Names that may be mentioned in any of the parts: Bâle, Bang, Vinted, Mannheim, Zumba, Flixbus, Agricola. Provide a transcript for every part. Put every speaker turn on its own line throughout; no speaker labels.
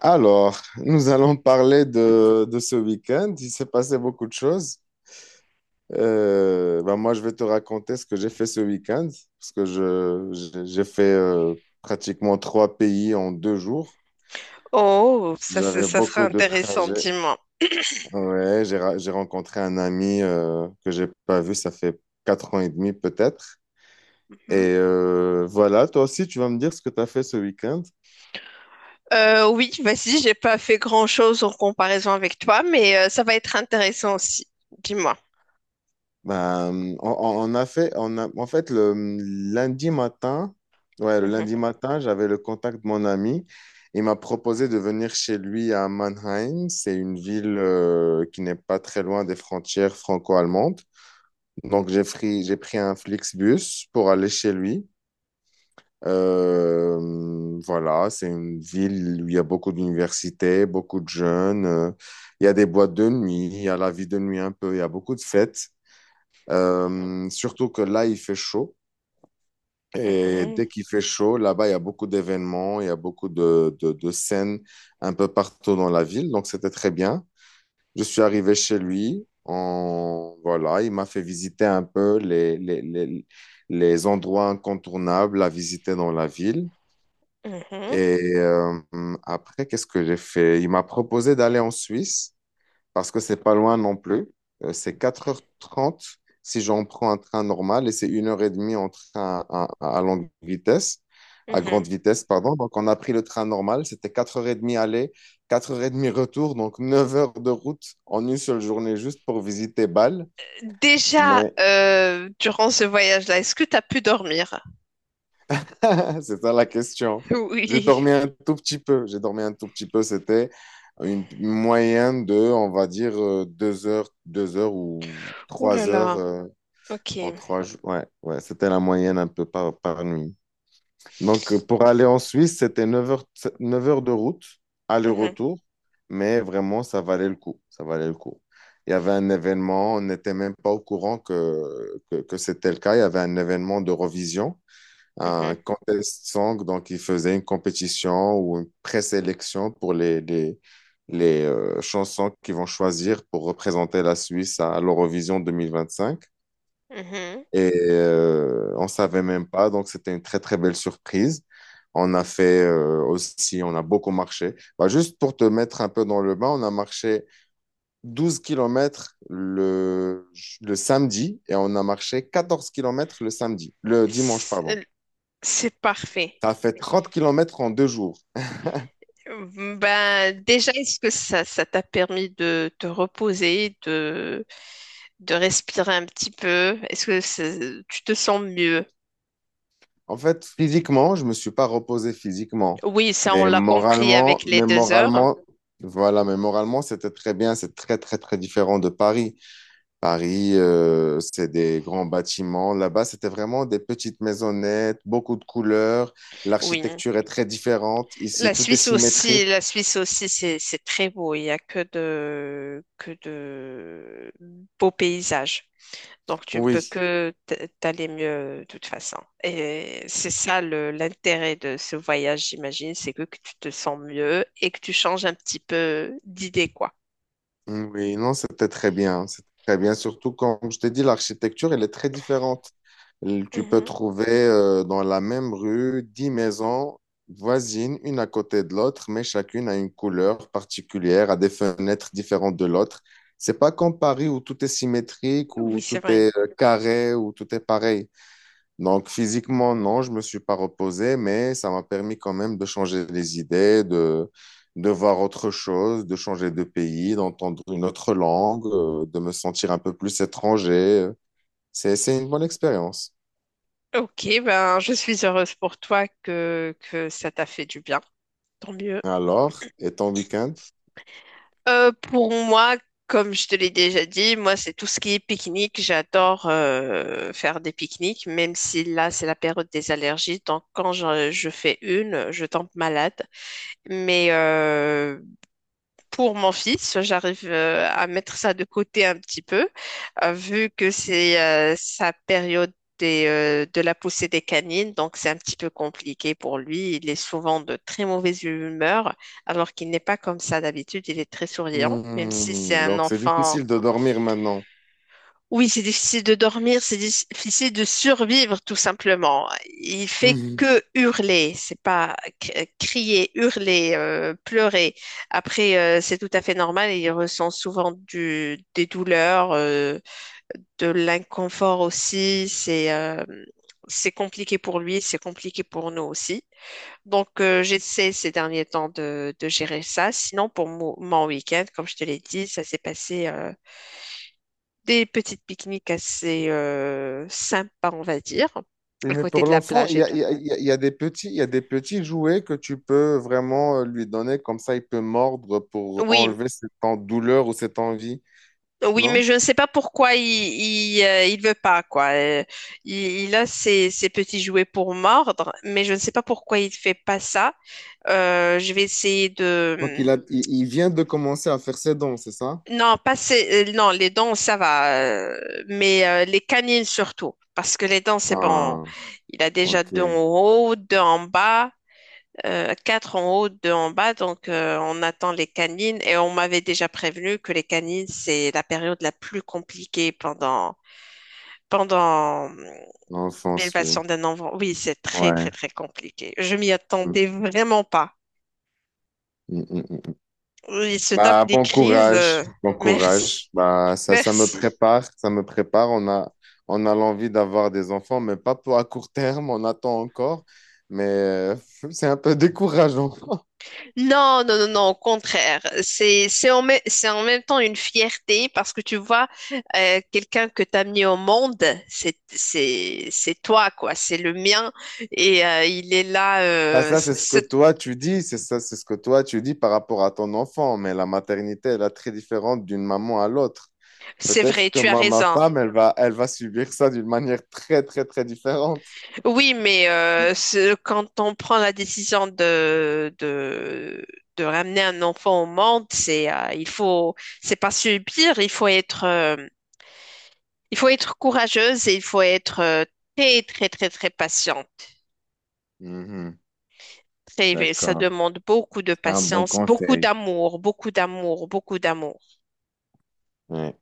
Alors, nous allons parler de ce week-end. Il s'est passé beaucoup de choses. Ben moi, je vais te raconter ce que j'ai fait ce week-end, parce que je, j'ai fait pratiquement trois pays en deux jours.
Oh, ça,
J'avais
ça sera
beaucoup de
intéressant,
trajets.
dis-moi.
Ouais, j'ai rencontré un ami que j'ai pas vu, ça fait 4 ans et demi peut-être.
Mhm.
Et voilà, toi aussi, tu vas me dire ce que tu as fait ce week-end.
Oui, vas-y, j'ai pas fait grand-chose en comparaison avec toi, mais ça va être intéressant aussi. Dis-moi.
Ben, on a fait, on a, en fait, le lundi matin, ouais, le
Mhm,
lundi matin, j'avais le contact de mon ami. Il m'a proposé de venir chez lui à Mannheim. C'est une ville qui n'est pas très loin des frontières franco-allemandes. Donc, j'ai pris un Flixbus pour aller chez lui. Voilà, c'est une ville où il y a beaucoup d'universités, beaucoup de jeunes. Il y a des boîtes de nuit, il y a la vie de nuit un peu, il y a beaucoup de fêtes. Surtout que là, il fait chaud. Et
mhm,
dès qu'il fait chaud, là-bas, il y a beaucoup d'événements, il y a beaucoup de scènes un peu partout dans la ville. Donc, c'était très bien. Je suis arrivé chez lui. Voilà, il m'a fait visiter un peu les endroits incontournables à visiter dans la ville.
mhm,
Et après, qu'est-ce que j'ai fait? Il m'a proposé d'aller en Suisse parce que c'est pas loin non plus. C'est 4h30 si j'en prends un train normal et c'est 1h30 en train à longue vitesse, à
mhm.
grande vitesse, pardon. Donc, on a pris le train normal, c'était 4h30 aller, 4h30 retour, donc 9 heures de route en une seule journée juste pour visiter Bâle.
Déjà,
Mais
durant ce voyage-là, est-ce que tu as pu dormir?
c'est ça la question. J'ai dormi
Oui.
un tout petit peu, j'ai dormi un tout petit peu, c'était une moyenne de, on va dire, deux heures, deux heures ou
Ouh là
trois heures.
là.
euh,
Ok.
En 3 jours, ouais, ouais, c'était la moyenne un peu par nuit. Donc, pour aller en Suisse, c'était 9 heures, 9 heures de route,
Mhm,
aller-retour, mais vraiment, ça valait le coup. Ça valait le coup. Il y avait un événement, on n'était même pas au courant que c'était le cas. Il y avait un événement d'Eurovision, un
mhm,
contest song, donc ils faisaient une compétition ou une présélection pour les chansons qu'ils vont choisir pour représenter la Suisse à l'Eurovision 2025.
mhm.
Et on savait même pas, donc c'était une très très belle surprise. On a fait aussi, on a beaucoup marché. Bah, juste pour te mettre un peu dans le bain, on a marché 12 kilomètres le samedi et on a marché 14 kilomètres le samedi, le dimanche, pardon.
C'est c'est parfait.
Ça a fait 30 kilomètres en deux jours.
Ben, déjà, est-ce que ça t'a permis de te reposer, de respirer un petit peu. Tu te sens mieux?
En fait, physiquement, je me suis pas reposé physiquement,
Oui, ça on l'a compris avec les
mais
deux heures.
moralement, voilà, mais moralement, c'était très bien, c'est très très très différent de Paris. Paris, c'est des grands bâtiments. Là-bas, c'était vraiment des petites maisonnettes, beaucoup de couleurs.
Oui.
L'architecture est très différente. Ici, tout est
La
symétrique.
Suisse aussi, c'est très beau. Il y a que de beaux paysages. Donc tu ne peux
Oui,
que t'aller mieux de toute façon. Et c'est ça le l'intérêt de ce voyage, j'imagine, c'est que tu te sens mieux et que tu changes un petit peu d'idée, quoi.
oui, non, c'était très bien. C'était très bien. Surtout, comme je t'ai dit, l'architecture, elle est très différente. Tu peux
Mhm.
trouver dans la même rue 10 maisons voisines, une à côté de l'autre, mais chacune a une couleur particulière, a des fenêtres différentes de l'autre. C'est pas comme Paris où tout est symétrique,
Oui,
où
c'est
tout
vrai.
est carré, où tout est pareil. Donc, physiquement, non, je me suis pas reposé, mais ça m'a permis quand même de changer les idées, de voir autre chose, de changer de pays, d'entendre une autre langue, de me sentir un peu plus étranger. C'est une bonne expérience.
Ok, ben je suis heureuse pour toi que ça t'a fait du bien. Tant mieux.
Alors, et ton week-end?
Pour moi, comme je te l'ai déjà dit, moi c'est tout ce qui est pique-nique. J'adore faire des pique-niques, même si là c'est la période des allergies. Donc quand je fais une, je tombe malade. Mais pour mon fils, j'arrive à mettre ça de côté un petit peu, vu que c'est sa période des, de la poussée des canines, donc c'est un petit peu compliqué pour lui. Il est souvent de très mauvaise humeur, alors qu'il n'est pas comme ça d'habitude. Il est très souriant, même si c'est
Hmm,
un
donc, c'est
enfant.
difficile de dormir maintenant.
Oui, c'est difficile de dormir, c'est difficile de survivre tout simplement. Il fait
Mhm.
que hurler, c'est pas c- crier, hurler, pleurer. Après, c'est tout à fait normal et il ressent souvent des douleurs, de l'inconfort aussi. C'est compliqué pour lui, c'est compliqué pour nous aussi. Donc, j'essaie ces derniers temps de gérer ça. Sinon, pour mon week-end, comme je te l'ai dit, ça s'est passé. Des petites pique-niques assez sympas, on va dire,
Oui,
à
mais
côté
pour
de la
l'enfant,
plage et tout.
il y a des petits jouets que tu peux vraiment lui donner, comme ça il peut mordre pour
Oui,
enlever cette douleur ou cette envie,
oui, mais
non?
je ne sais pas pourquoi il veut pas quoi. Il a ses, ses petits jouets pour mordre, mais je ne sais pas pourquoi il fait pas ça. Je vais essayer
Donc,
de...
il vient de commencer à faire ses dons, c'est ça?
Hmm, non, pas ces- non, les dents ça va, mais les canines surtout parce que les dents c'est bon.
Ah,
Il a déjà
ok.
deux en haut, deux en bas. Quatre en haut, deux en bas, donc on attend les canines et on m'avait déjà prévenu que les canines, c'est la période la plus compliquée pendant, pendant
L'enfance, oui.
l'élevation d'un enfant. Oui, c'est très, très,
Ouais.
très compliqué. Je m'y
Mm,
attendais vraiment pas.
mm, mm, mm.
Ils se tapent
Bah,
des
bon
crises.
courage. Bon courage.
Merci.
Bah, ça me
Merci.
prépare. Ça me prépare. On a l'envie d'avoir des enfants, mais pas pour à court terme. On attend encore. Mais c'est un peu décourageant.
Non, non, non, non, au contraire. C'est en même temps une fierté parce que tu vois, quelqu'un que tu as mis au monde, c'est toi, quoi. C'est le mien et il est là.
Bah, ça, c'est ce que
C'est...
toi, tu dis. C'est ça, c'est ce que toi, tu dis par rapport à ton enfant. Mais la maternité, elle est très différente d'une maman à l'autre.
C'est vrai,
Peut-être que
tu as
ma
raison.
femme, elle va subir ça d'une manière très, très, très différente.
Oui, mais quand on prend la décision de ramener un enfant au monde, c'est pas subir, il faut être courageuse et il faut être très, très, très, très patiente.
Mhm.
Très Ça
D'accord.
demande beaucoup de
C'est un bon
patience, beaucoup
conseil.
d'amour, beaucoup d'amour, beaucoup d'amour.
Ouais.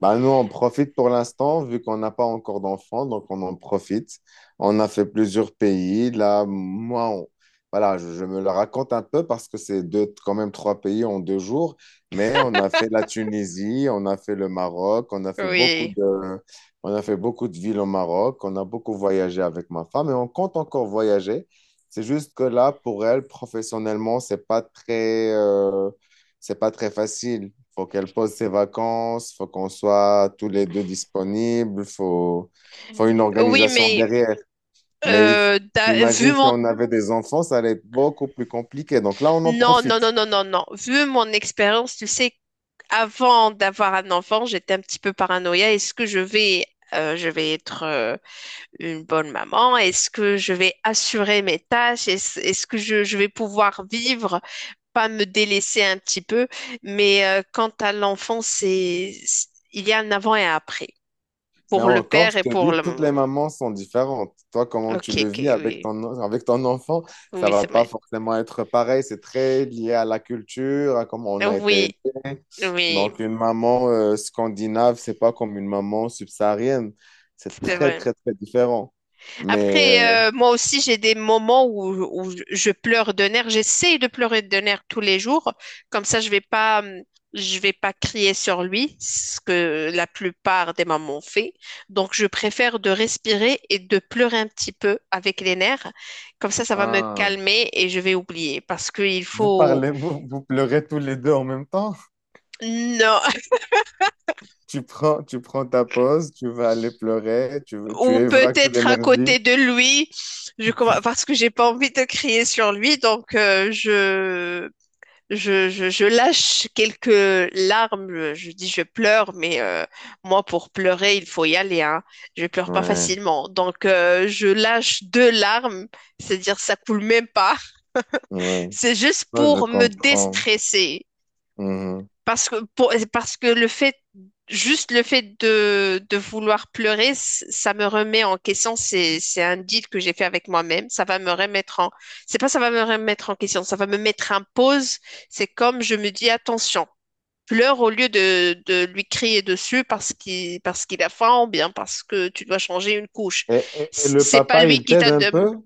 Bah nous, on profite pour l'instant, vu qu'on n'a pas encore d'enfants, donc on en profite. On a fait plusieurs pays. Là, moi, voilà, je me le raconte un peu parce que c'est deux, quand même trois pays en deux jours. Mais on a fait la Tunisie, on a fait le Maroc, on a fait beaucoup
Oui.
de, on a fait beaucoup de villes au Maroc, on a beaucoup voyagé avec ma femme et on compte encore voyager. C'est juste que là, pour elle, professionnellement, c'est pas très facile. Faut qu'elle pose ses vacances, faut qu'on soit tous les deux disponibles, faut une
Oui,
organisation
mais
derrière. Mais
vu
imagine si
mon...
on avait des enfants, ça allait être beaucoup plus compliqué. Donc là, on en
Non,
profite.
non, non, non, non, non. Vu mon expérience, tu sais, avant d'avoir un enfant, j'étais un petit peu paranoïa. Est-ce que je vais... Je vais être une bonne maman. Est-ce que je vais assurer mes tâches? Est-ce que je vais pouvoir vivre, pas me délaisser un petit peu? Mais quant à l'enfant, il y a un avant et un après.
Mais
Pour le
encore,
père et
je te
pour
dis,
la
toutes les
maman.
mamans sont différentes. Toi, comment
Ok,
tu le
ok,
vis avec
oui.
avec ton enfant, ça
Oui,
va
c'est
pas
vrai.
forcément être pareil. C'est très lié à la culture, à comment on a été
Oui,
élevé.
oui,
Donc, une maman scandinave, c'est pas comme une maman subsaharienne. C'est
c'est
très,
vrai.
très, très différent. Mais
Après, moi aussi, j'ai des moments où, où je pleure de nerfs. J'essaye de pleurer de nerfs tous les jours. Comme ça, je vais pas crier sur lui, ce que la plupart des mamans fait. Donc, je préfère de respirer et de pleurer un petit peu avec les nerfs. Comme ça va me
ah,
calmer et je vais oublier. Parce qu'il
vous
faut...
parlez, vous pleurez tous les deux en même temps.
Non,
Tu prends ta pause, tu vas aller pleurer, tu
ou
évacues
peut-être à côté
l'énergie.
de lui, parce que j'ai pas envie de crier sur lui, donc je lâche quelques larmes, je dis je pleure, mais moi pour pleurer, il faut y aller, hein. Je pleure pas
Ouais,
facilement, donc je lâche deux larmes, c'est-à-dire ça coule même pas,
ouais.
c'est juste
Moi, je
pour me
comprends.
déstresser.
Mhm.
Parce que le fait, juste le fait de vouloir pleurer, ça me remet en question. C'est un deal que j'ai fait avec moi-même. Ça va me remettre en, C'est pas ça va me remettre en question, ça va me mettre en pause. C'est comme je me dis, attention, pleure au lieu de lui crier dessus parce qu'il a faim ou bien parce que tu dois changer une couche.
Et le
C'est pas
papa,
lui
il
qui
t'aide
t'a
un
de...
peu?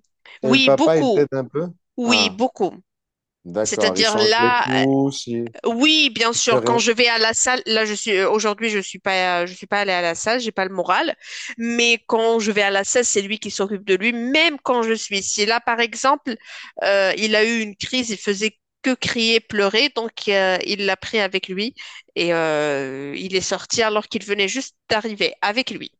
Et le
Oui,
papa, il
beaucoup.
t'aide un peu?
Oui,
Ah,
beaucoup.
d'accord, il
C'est-à-dire
change les
là,
couches. Il-
oui, bien
C'est
sûr. Quand
vrai.
je vais à la salle, là je suis aujourd'hui je suis pas allée à la salle, j'ai pas le moral. Mais quand je vais à la salle, c'est lui qui s'occupe de lui, même quand je suis ici. Là, par exemple, il a eu une crise, il faisait que crier, pleurer, donc il l'a pris avec lui et il est sorti alors qu'il venait juste d'arriver avec lui.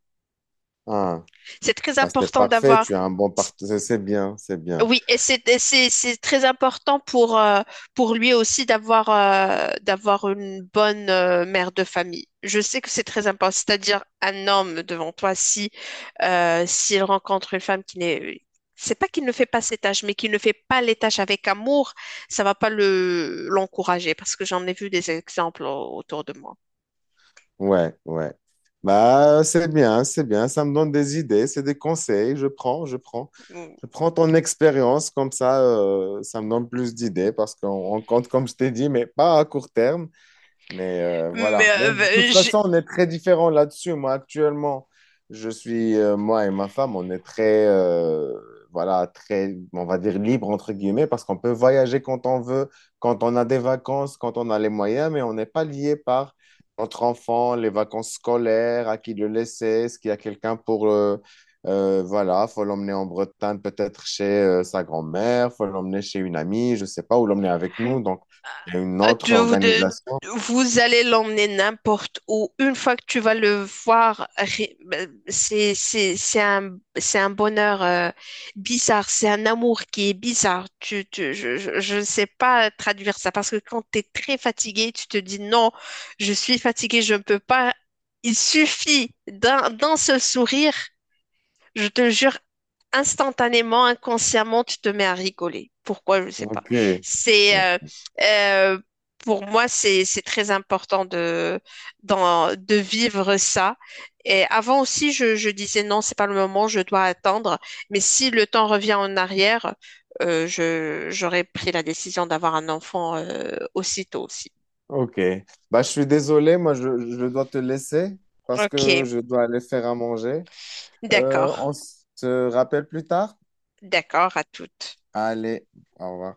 Ah,
C'est très
bah c'est
important
parfait,
d'avoir.
tu as un bon partenaire, c'est bien, c'est bien.
Oui, et c'est très important pour lui aussi d'avoir d'avoir une bonne mère de famille. Je sais que c'est très important, c'est-à-dire un homme devant toi, si s'il rencontre une femme qui n'est... C'est pas qu'il ne fait pas ses tâches, mais qu'il ne fait pas les tâches avec amour, ça va pas le l'encourager, parce que j'en ai vu des exemples autour de moi.
Ouais, ouais. Bah, c'est bien, ça me donne des idées, c'est des conseils, je prends.
Mm.
Je prends ton expérience, comme ça, ça me donne plus d'idées parce qu'on on compte, comme je t'ai dit, mais pas à court terme. Mais
Mais
voilà. Mais de toute
euh...
façon, on est très différents là-dessus. Moi, actuellement, moi et ma femme, on est très, voilà, très, on va dire libre, entre guillemets, parce qu'on peut voyager quand on veut, quand on a des vacances, quand on a les moyens, mais on n'est pas lié par notre enfant, les vacances scolaires, à qui le laisser, est-ce qu'il y a quelqu'un pour, voilà, faut l'emmener en Bretagne, peut-être chez sa grand-mère, faut l'emmener chez une amie, je sais pas, ou l'emmener avec nous. Donc, il y a une
Euh,
autre
tu- vous, de-
organisation.
Vous allez l'emmener n'importe où. Une fois que tu vas le voir, ri- ben, c'est un bonheur bizarre. C'est un amour qui est bizarre. Je ne sais pas traduire ça parce que quand tu es très fatigué, tu te dis non, je suis fatigué, je ne peux pas. Il suffit d'un, d'un seul sourire. Je te jure, instantanément, inconsciemment, tu te mets à rigoler. Pourquoi, je ne sais pas.
Ok.
C'est euh, pour moi, c'est très important de de vivre ça. Et avant aussi, je disais non, c'est pas le moment, je dois attendre. Mais si le temps revient en arrière, je j'aurais pris la décision d'avoir un enfant aussitôt aussi.
Ok. Bah, je suis désolé, moi, je dois te laisser parce
Ok,
que je dois aller faire à manger. Euh,
d'accord,
on se rappelle plus tard?
d'accord à toutes.
Allez, au revoir.